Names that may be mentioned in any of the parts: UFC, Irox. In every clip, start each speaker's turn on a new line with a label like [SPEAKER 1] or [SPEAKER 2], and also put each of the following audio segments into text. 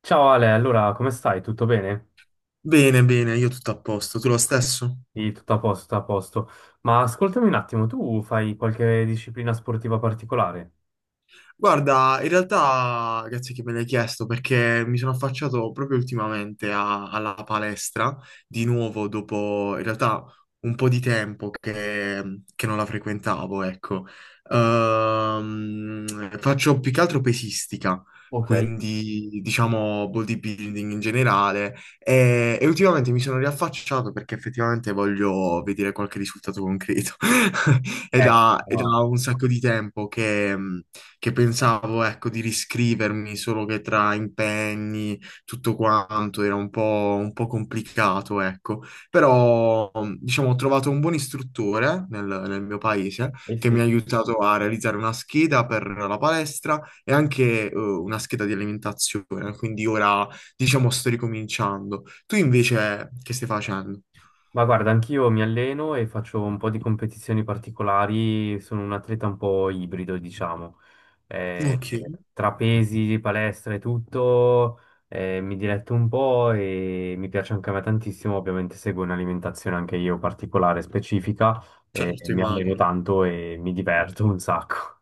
[SPEAKER 1] Ciao Ale, allora come stai? Tutto bene?
[SPEAKER 2] Bene, bene, io tutto a posto. Tu lo stesso?
[SPEAKER 1] Sì, tutto a posto, tutto a posto. Ma ascoltami un attimo, tu fai qualche disciplina sportiva particolare?
[SPEAKER 2] Guarda, in realtà, grazie che me l'hai chiesto perché mi sono affacciato proprio ultimamente alla palestra, di nuovo dopo in realtà un po' di tempo che non la frequentavo, ecco. Faccio più che altro pesistica,
[SPEAKER 1] Ok.
[SPEAKER 2] quindi diciamo bodybuilding in generale e ultimamente mi sono riaffacciato perché effettivamente voglio vedere qualche risultato concreto. È da, è
[SPEAKER 1] Ah,
[SPEAKER 2] da un sacco di tempo che pensavo, ecco, di riscrivermi, solo che tra impegni, tutto quanto era un po' complicato, ecco. Però, diciamo, ho trovato un buon istruttore nel mio paese
[SPEAKER 1] eh
[SPEAKER 2] che mi ha
[SPEAKER 1] sì.
[SPEAKER 2] aiutato a realizzare una scheda per la palestra e anche, una scheda di alimentazione. Quindi ora, diciamo, sto ricominciando. Tu invece che stai facendo?
[SPEAKER 1] Ma guarda, anch'io mi alleno e faccio un po' di competizioni particolari, sono un atleta un po' ibrido, diciamo. Eh,
[SPEAKER 2] Ok,
[SPEAKER 1] Tra pesi, palestra e tutto, mi diletto un po' e mi piace anche a me tantissimo, ovviamente seguo un'alimentazione anche io particolare, specifica,
[SPEAKER 2] certo,
[SPEAKER 1] mi alleno
[SPEAKER 2] immagino.
[SPEAKER 1] tanto e mi diverto un sacco.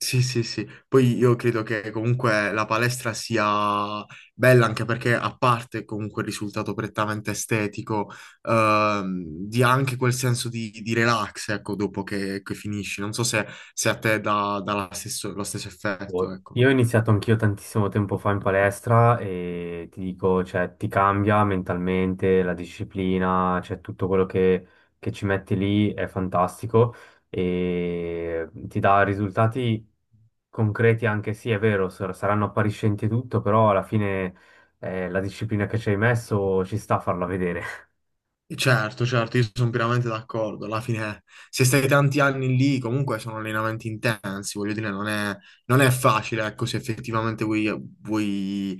[SPEAKER 2] Sì, sì, sì. Poi io credo che comunque la palestra sia bella anche perché a parte comunque il risultato prettamente estetico, dia anche quel senso di relax, ecco, dopo che finisci. Non so se a te dà lo stesso effetto,
[SPEAKER 1] Boh,
[SPEAKER 2] ecco.
[SPEAKER 1] io ho iniziato anch'io tantissimo tempo fa in palestra e ti dico, cioè, ti cambia mentalmente la disciplina, cioè tutto quello che ci metti lì è fantastico e ti dà risultati concreti anche, sì, è vero, saranno appariscenti e tutto, però alla fine la disciplina che ci hai messo ci sta a farla vedere.
[SPEAKER 2] Certo, certo, io sono pienamente d'accordo. Alla fine, se stai tanti anni lì, comunque sono allenamenti intensi, voglio dire, non è facile, ecco, se effettivamente vuoi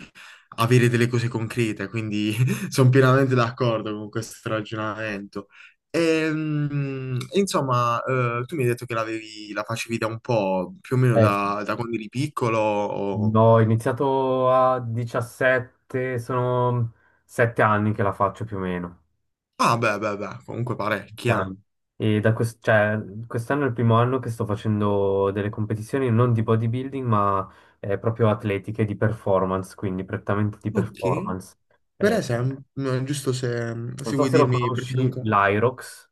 [SPEAKER 2] avere delle cose concrete, quindi sono pienamente d'accordo con questo ragionamento. Insomma, tu mi hai detto che l'avevi, la facevi da un po', più o meno
[SPEAKER 1] Sì.
[SPEAKER 2] da quando eri piccolo, o...
[SPEAKER 1] No, ho iniziato a 17, sono 7 anni che la faccio più o meno.
[SPEAKER 2] Ah, beh, beh, beh, comunque parecchia.
[SPEAKER 1] Milano. E cioè, quest'anno è il primo anno che sto facendo delle competizioni non di bodybuilding, ma proprio atletiche di performance, quindi prettamente di
[SPEAKER 2] Ok.
[SPEAKER 1] performance.
[SPEAKER 2] Per
[SPEAKER 1] Eh,
[SPEAKER 2] esempio, no, giusto se,
[SPEAKER 1] non
[SPEAKER 2] se
[SPEAKER 1] so
[SPEAKER 2] vuoi
[SPEAKER 1] se lo
[SPEAKER 2] dirmi perché non
[SPEAKER 1] conosci,
[SPEAKER 2] conosco.
[SPEAKER 1] l'Irox.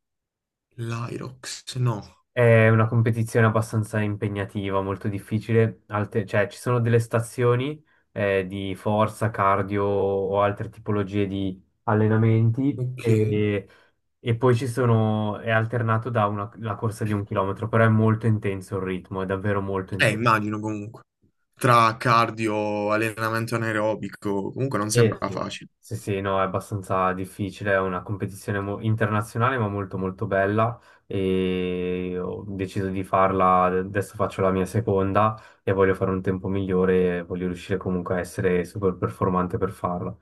[SPEAKER 2] L'Irox, no.
[SPEAKER 1] È una competizione abbastanza impegnativa, molto difficile. Cioè, ci sono delle stazioni di forza, cardio o altre tipologie di allenamenti.
[SPEAKER 2] Ok.
[SPEAKER 1] E poi ci sono, è alternato da una, la corsa di un chilometro, però è molto intenso il ritmo, è davvero molto
[SPEAKER 2] Eh,
[SPEAKER 1] intenso.
[SPEAKER 2] immagino comunque. Tra cardio, allenamento anaerobico, comunque non
[SPEAKER 1] Eh
[SPEAKER 2] sembra
[SPEAKER 1] sì.
[SPEAKER 2] facile.
[SPEAKER 1] Sì, sì, no, è abbastanza difficile, è una competizione internazionale ma molto molto bella e ho deciso di farla, adesso faccio la mia seconda e voglio fare un tempo migliore e voglio riuscire comunque a essere super performante per farla.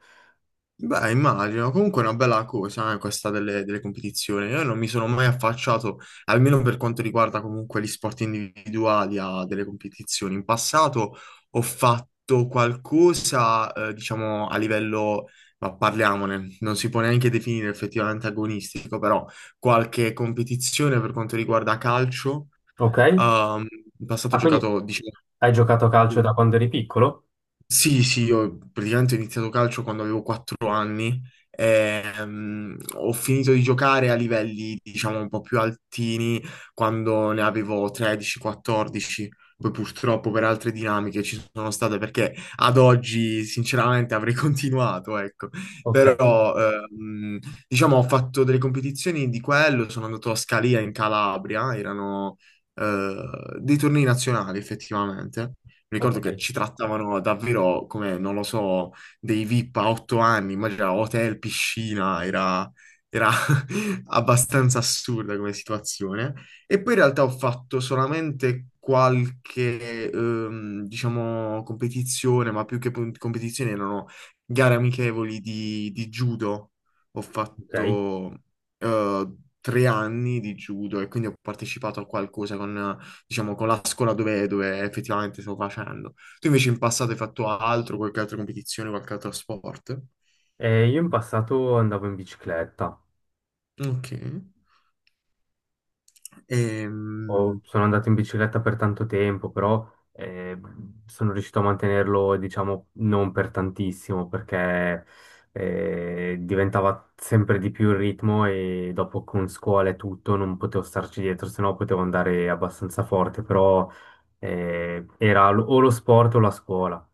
[SPEAKER 2] Beh, immagino, comunque è una bella cosa, questa delle competizioni. Io non mi sono mai affacciato, almeno per quanto riguarda comunque gli sport individuali, a delle competizioni. In passato ho fatto qualcosa, diciamo, a livello, ma parliamone, non si può neanche definire effettivamente agonistico, però qualche competizione per quanto riguarda calcio.
[SPEAKER 1] Ok?
[SPEAKER 2] ehm, In passato ho
[SPEAKER 1] Ah, quindi
[SPEAKER 2] giocato, diciamo...
[SPEAKER 1] hai giocato a calcio da quando eri piccolo?
[SPEAKER 2] Sì, sì, io praticamente ho iniziato calcio quando avevo 4 anni. Ho finito di giocare a livelli, diciamo, un po' più altini quando ne avevo 13-14. Poi purtroppo per altre dinamiche ci sono state perché ad oggi sinceramente avrei continuato, ecco.
[SPEAKER 1] Ok,
[SPEAKER 2] Però diciamo ho fatto delle competizioni di quello, sono andato a Scalia in Calabria, erano eh, dei tornei nazionali effettivamente. Mi
[SPEAKER 1] ok,
[SPEAKER 2] ricordo che ci trattavano davvero come, non lo so, dei VIP a 8 anni, immagina hotel, piscina, era abbastanza assurda come situazione. E poi in realtà ho fatto solamente qualche, diciamo, competizione, ma più che competizioni erano gare amichevoli di judo. Ho
[SPEAKER 1] ok.
[SPEAKER 2] fatto eh, 3 anni di judo e quindi ho partecipato a qualcosa con diciamo, con la scuola dove effettivamente stavo facendo. Tu invece in passato hai fatto altro, qualche altra competizione, qualche altro sport?
[SPEAKER 1] Io in passato andavo in bicicletta.
[SPEAKER 2] Ok. Ehm,
[SPEAKER 1] Sono andato in bicicletta per tanto tempo, però eh, sono riuscito a mantenerlo, diciamo, non per tantissimo, perché diventava sempre di più il ritmo e dopo con scuola e tutto non potevo starci dietro, sennò potevo andare abbastanza forte, però era o lo sport o la scuola.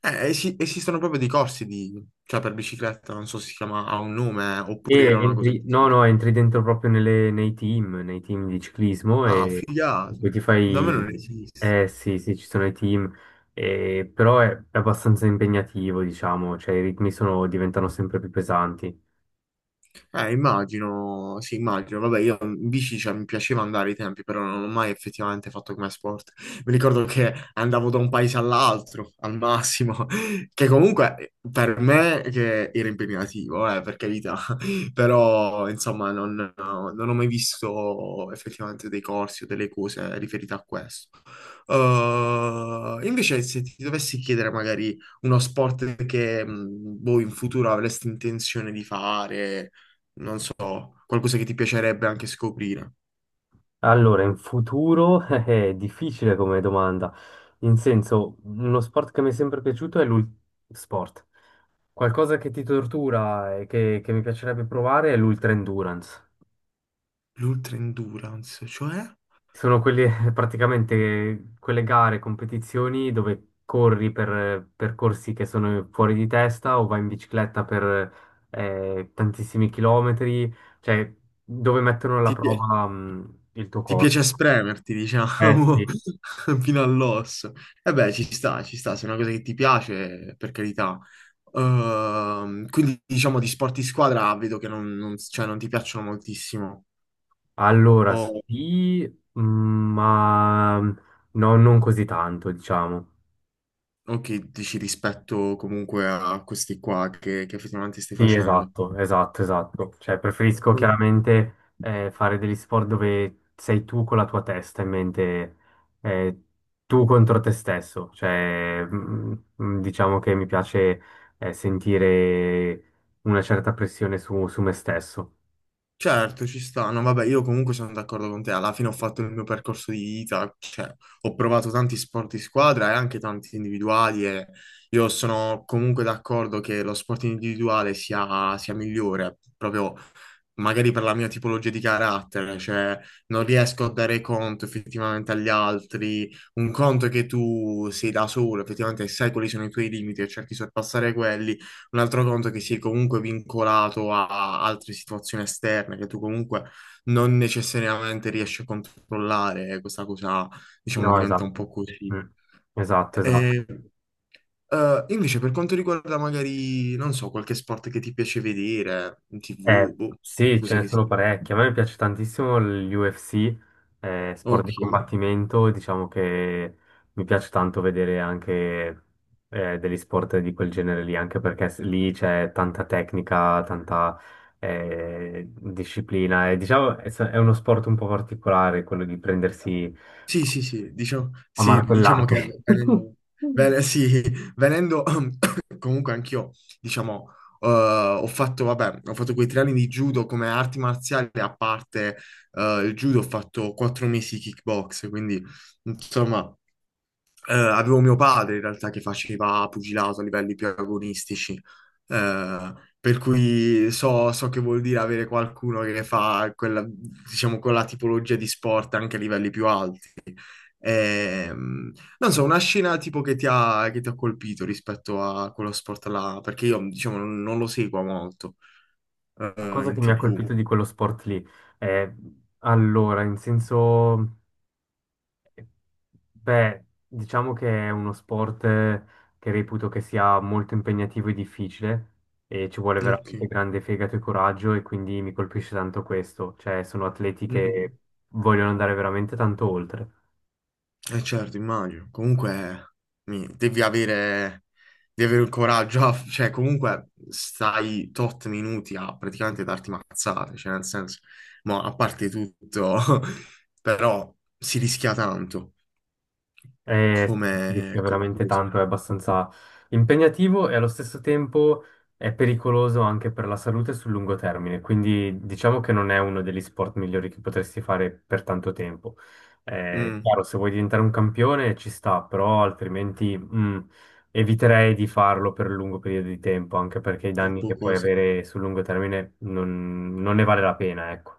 [SPEAKER 2] Esistono proprio dei corsi di, cioè per bicicletta, non so se si chiama, ha un nome, oppure era
[SPEAKER 1] E
[SPEAKER 2] una cosa
[SPEAKER 1] entri, no,
[SPEAKER 2] così.
[SPEAKER 1] no, entri dentro proprio nei team di ciclismo
[SPEAKER 2] Ah,
[SPEAKER 1] e
[SPEAKER 2] figato.
[SPEAKER 1] poi ti
[SPEAKER 2] Da me non
[SPEAKER 1] fai...
[SPEAKER 2] esiste.
[SPEAKER 1] Eh sì, sì, ci sono i team, però è abbastanza impegnativo, diciamo, cioè diventano sempre più pesanti.
[SPEAKER 2] Immagino, sì, immagino. Vabbè, io in bici, cioè, mi piaceva andare ai tempi, però non l'ho mai effettivamente fatto come sport. Mi ricordo che andavo da un paese all'altro, al massimo, che comunque per me che era impegnativo, per carità. Però, insomma, non ho mai visto effettivamente dei corsi o delle cose riferite a questo. Invece, se ti dovessi chiedere magari uno sport che, boh, in futuro avresti intenzione di fare non so, qualcosa che ti piacerebbe anche scoprire.
[SPEAKER 1] Allora, in futuro è difficile come domanda, in senso, uno sport che mi è sempre piaciuto è l'ultra sport. Qualcosa che ti tortura e che mi piacerebbe provare è l'ultra endurance.
[SPEAKER 2] L'ultra endurance, cioè
[SPEAKER 1] Sono quelle, praticamente quelle gare, competizioni dove corri per percorsi che sono fuori di testa o vai in bicicletta per tantissimi chilometri, cioè dove mettono alla
[SPEAKER 2] ti, pi-
[SPEAKER 1] prova il tuo
[SPEAKER 2] ti
[SPEAKER 1] corpo.
[SPEAKER 2] piace spremerti,
[SPEAKER 1] Eh
[SPEAKER 2] diciamo,
[SPEAKER 1] sì,
[SPEAKER 2] fino all'osso. E beh, ci sta, se è una cosa che ti piace, per carità. Quindi diciamo di sport di squadra vedo che cioè, non ti piacciono moltissimo.
[SPEAKER 1] allora
[SPEAKER 2] O,
[SPEAKER 1] sì, mh, ma mm, no, non così tanto, diciamo.
[SPEAKER 2] o che dici rispetto comunque a questi qua che effettivamente stai
[SPEAKER 1] Sì,
[SPEAKER 2] facendo.
[SPEAKER 1] esatto, esatto, esatto. Cioè, preferisco chiaramente fare degli sport dove sei tu con la tua testa in mente, eh, tu contro te stesso. Diciamo che mi piace sentire una certa pressione su me stesso.
[SPEAKER 2] Certo, ci sta. No, vabbè, io comunque sono d'accordo con te. Alla fine ho fatto il mio percorso di vita, cioè ho provato tanti sport di squadra e anche tanti individuali e io sono comunque d'accordo che lo sport individuale sia migliore, proprio magari per la mia tipologia di carattere, cioè non riesco a dare conto effettivamente agli altri. Un conto è che tu sei da solo, effettivamente sai quali sono i tuoi limiti e cerchi di sorpassare quelli. Un altro conto è che sei comunque vincolato a altre situazioni esterne che tu comunque non necessariamente riesci a controllare. E questa cosa, diciamo,
[SPEAKER 1] No,
[SPEAKER 2] diventa un
[SPEAKER 1] esatto.
[SPEAKER 2] po' così.
[SPEAKER 1] Mm. Esatto, esatto.
[SPEAKER 2] E, Invece, per quanto riguarda magari, non so, qualche sport che ti piace vedere in TV, boh,
[SPEAKER 1] Sì, ce
[SPEAKER 2] cosa
[SPEAKER 1] ne
[SPEAKER 2] che
[SPEAKER 1] sono
[SPEAKER 2] sia.
[SPEAKER 1] parecchi. A me piace tantissimo l'UFC, sport
[SPEAKER 2] Ok,
[SPEAKER 1] di combattimento, e diciamo che mi piace tanto vedere anche degli sport di quel genere lì, anche perché lì c'è tanta tecnica, tanta disciplina. E, diciamo è uno sport un po' particolare quello di prendersi
[SPEAKER 2] sì, sì,
[SPEAKER 1] a
[SPEAKER 2] sì, diciamo che
[SPEAKER 1] martellate.
[SPEAKER 2] venendo, sì, venendo comunque anch'io, diciamo, ho fatto, vabbè, ho fatto quei 3 anni di judo come arti marziali, a parte il judo ho fatto 4 mesi di kickbox, quindi insomma, avevo mio padre in realtà che faceva pugilato a livelli più agonistici, eh, per cui so che vuol dire avere qualcuno che fa quella, diciamo, quella tipologia di sport anche a livelli più alti. Ehm, Non so, una scena tipo che ti ha colpito rispetto a quello sport là, perché io diciamo non lo seguo molto,
[SPEAKER 1] La cosa
[SPEAKER 2] in
[SPEAKER 1] che mi ha
[SPEAKER 2] TV.
[SPEAKER 1] colpito di quello sport lì è allora, in senso. Beh, diciamo che è uno sport che reputo che sia molto impegnativo e difficile e ci vuole
[SPEAKER 2] Ok.
[SPEAKER 1] veramente grande fegato e coraggio e quindi mi colpisce tanto questo, cioè sono atleti
[SPEAKER 2] Mm-mm.
[SPEAKER 1] che vogliono andare veramente tanto oltre.
[SPEAKER 2] Eh certo, immagino. Comunque mi- devi avere, devi avere, il coraggio, cioè comunque stai tot minuti a praticamente darti mazzate, cioè nel senso, ma a parte tutto, però si rischia tanto
[SPEAKER 1] Eh sì,
[SPEAKER 2] come,
[SPEAKER 1] rischia
[SPEAKER 2] come
[SPEAKER 1] veramente
[SPEAKER 2] cosa.
[SPEAKER 1] tanto, è abbastanza impegnativo e allo stesso tempo è pericoloso anche per la salute sul lungo termine, quindi diciamo che non è uno degli sport migliori che potresti fare per tanto tempo.
[SPEAKER 2] Mm,
[SPEAKER 1] Chiaro, se vuoi diventare un campione ci sta, però altrimenti mm, eviterei di farlo per un lungo periodo di tempo, anche perché i
[SPEAKER 2] un
[SPEAKER 1] danni
[SPEAKER 2] po'
[SPEAKER 1] che puoi
[SPEAKER 2] così.
[SPEAKER 1] avere sul lungo termine non, non ne vale la pena, ecco.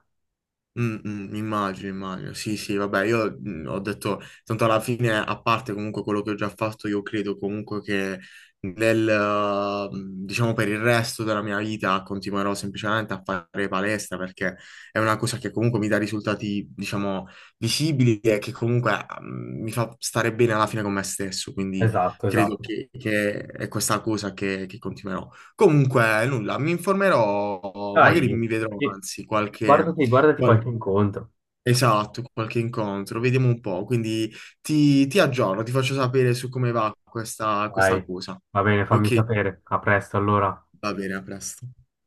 [SPEAKER 2] Mm, mm, immagino, immagino. Sì, sì, vabbè, io ho detto, tanto alla fine, a parte comunque quello che ho già fatto, io credo comunque che nel, eh, diciamo, per il resto della mia vita continuerò semplicemente a fare palestra perché è una cosa che comunque mi dà risultati, diciamo, visibili e che comunque mi fa stare bene alla fine con me stesso, quindi
[SPEAKER 1] Esatto,
[SPEAKER 2] credo
[SPEAKER 1] esatto.
[SPEAKER 2] che è questa cosa che continuerò. Comunque, nulla, mi informerò, magari
[SPEAKER 1] Dai,
[SPEAKER 2] mi vedrò,
[SPEAKER 1] sì,
[SPEAKER 2] anzi, qualche...
[SPEAKER 1] guardati, guardati
[SPEAKER 2] Qual-
[SPEAKER 1] qualche incontro.
[SPEAKER 2] Esatto, qualche incontro, vediamo un po'. Quindi ti aggiorno, ti faccio sapere su come va questa,
[SPEAKER 1] Dai,
[SPEAKER 2] questa cosa.
[SPEAKER 1] va bene, fammi
[SPEAKER 2] Ok,
[SPEAKER 1] sapere. A presto allora.
[SPEAKER 2] va bene, a presto.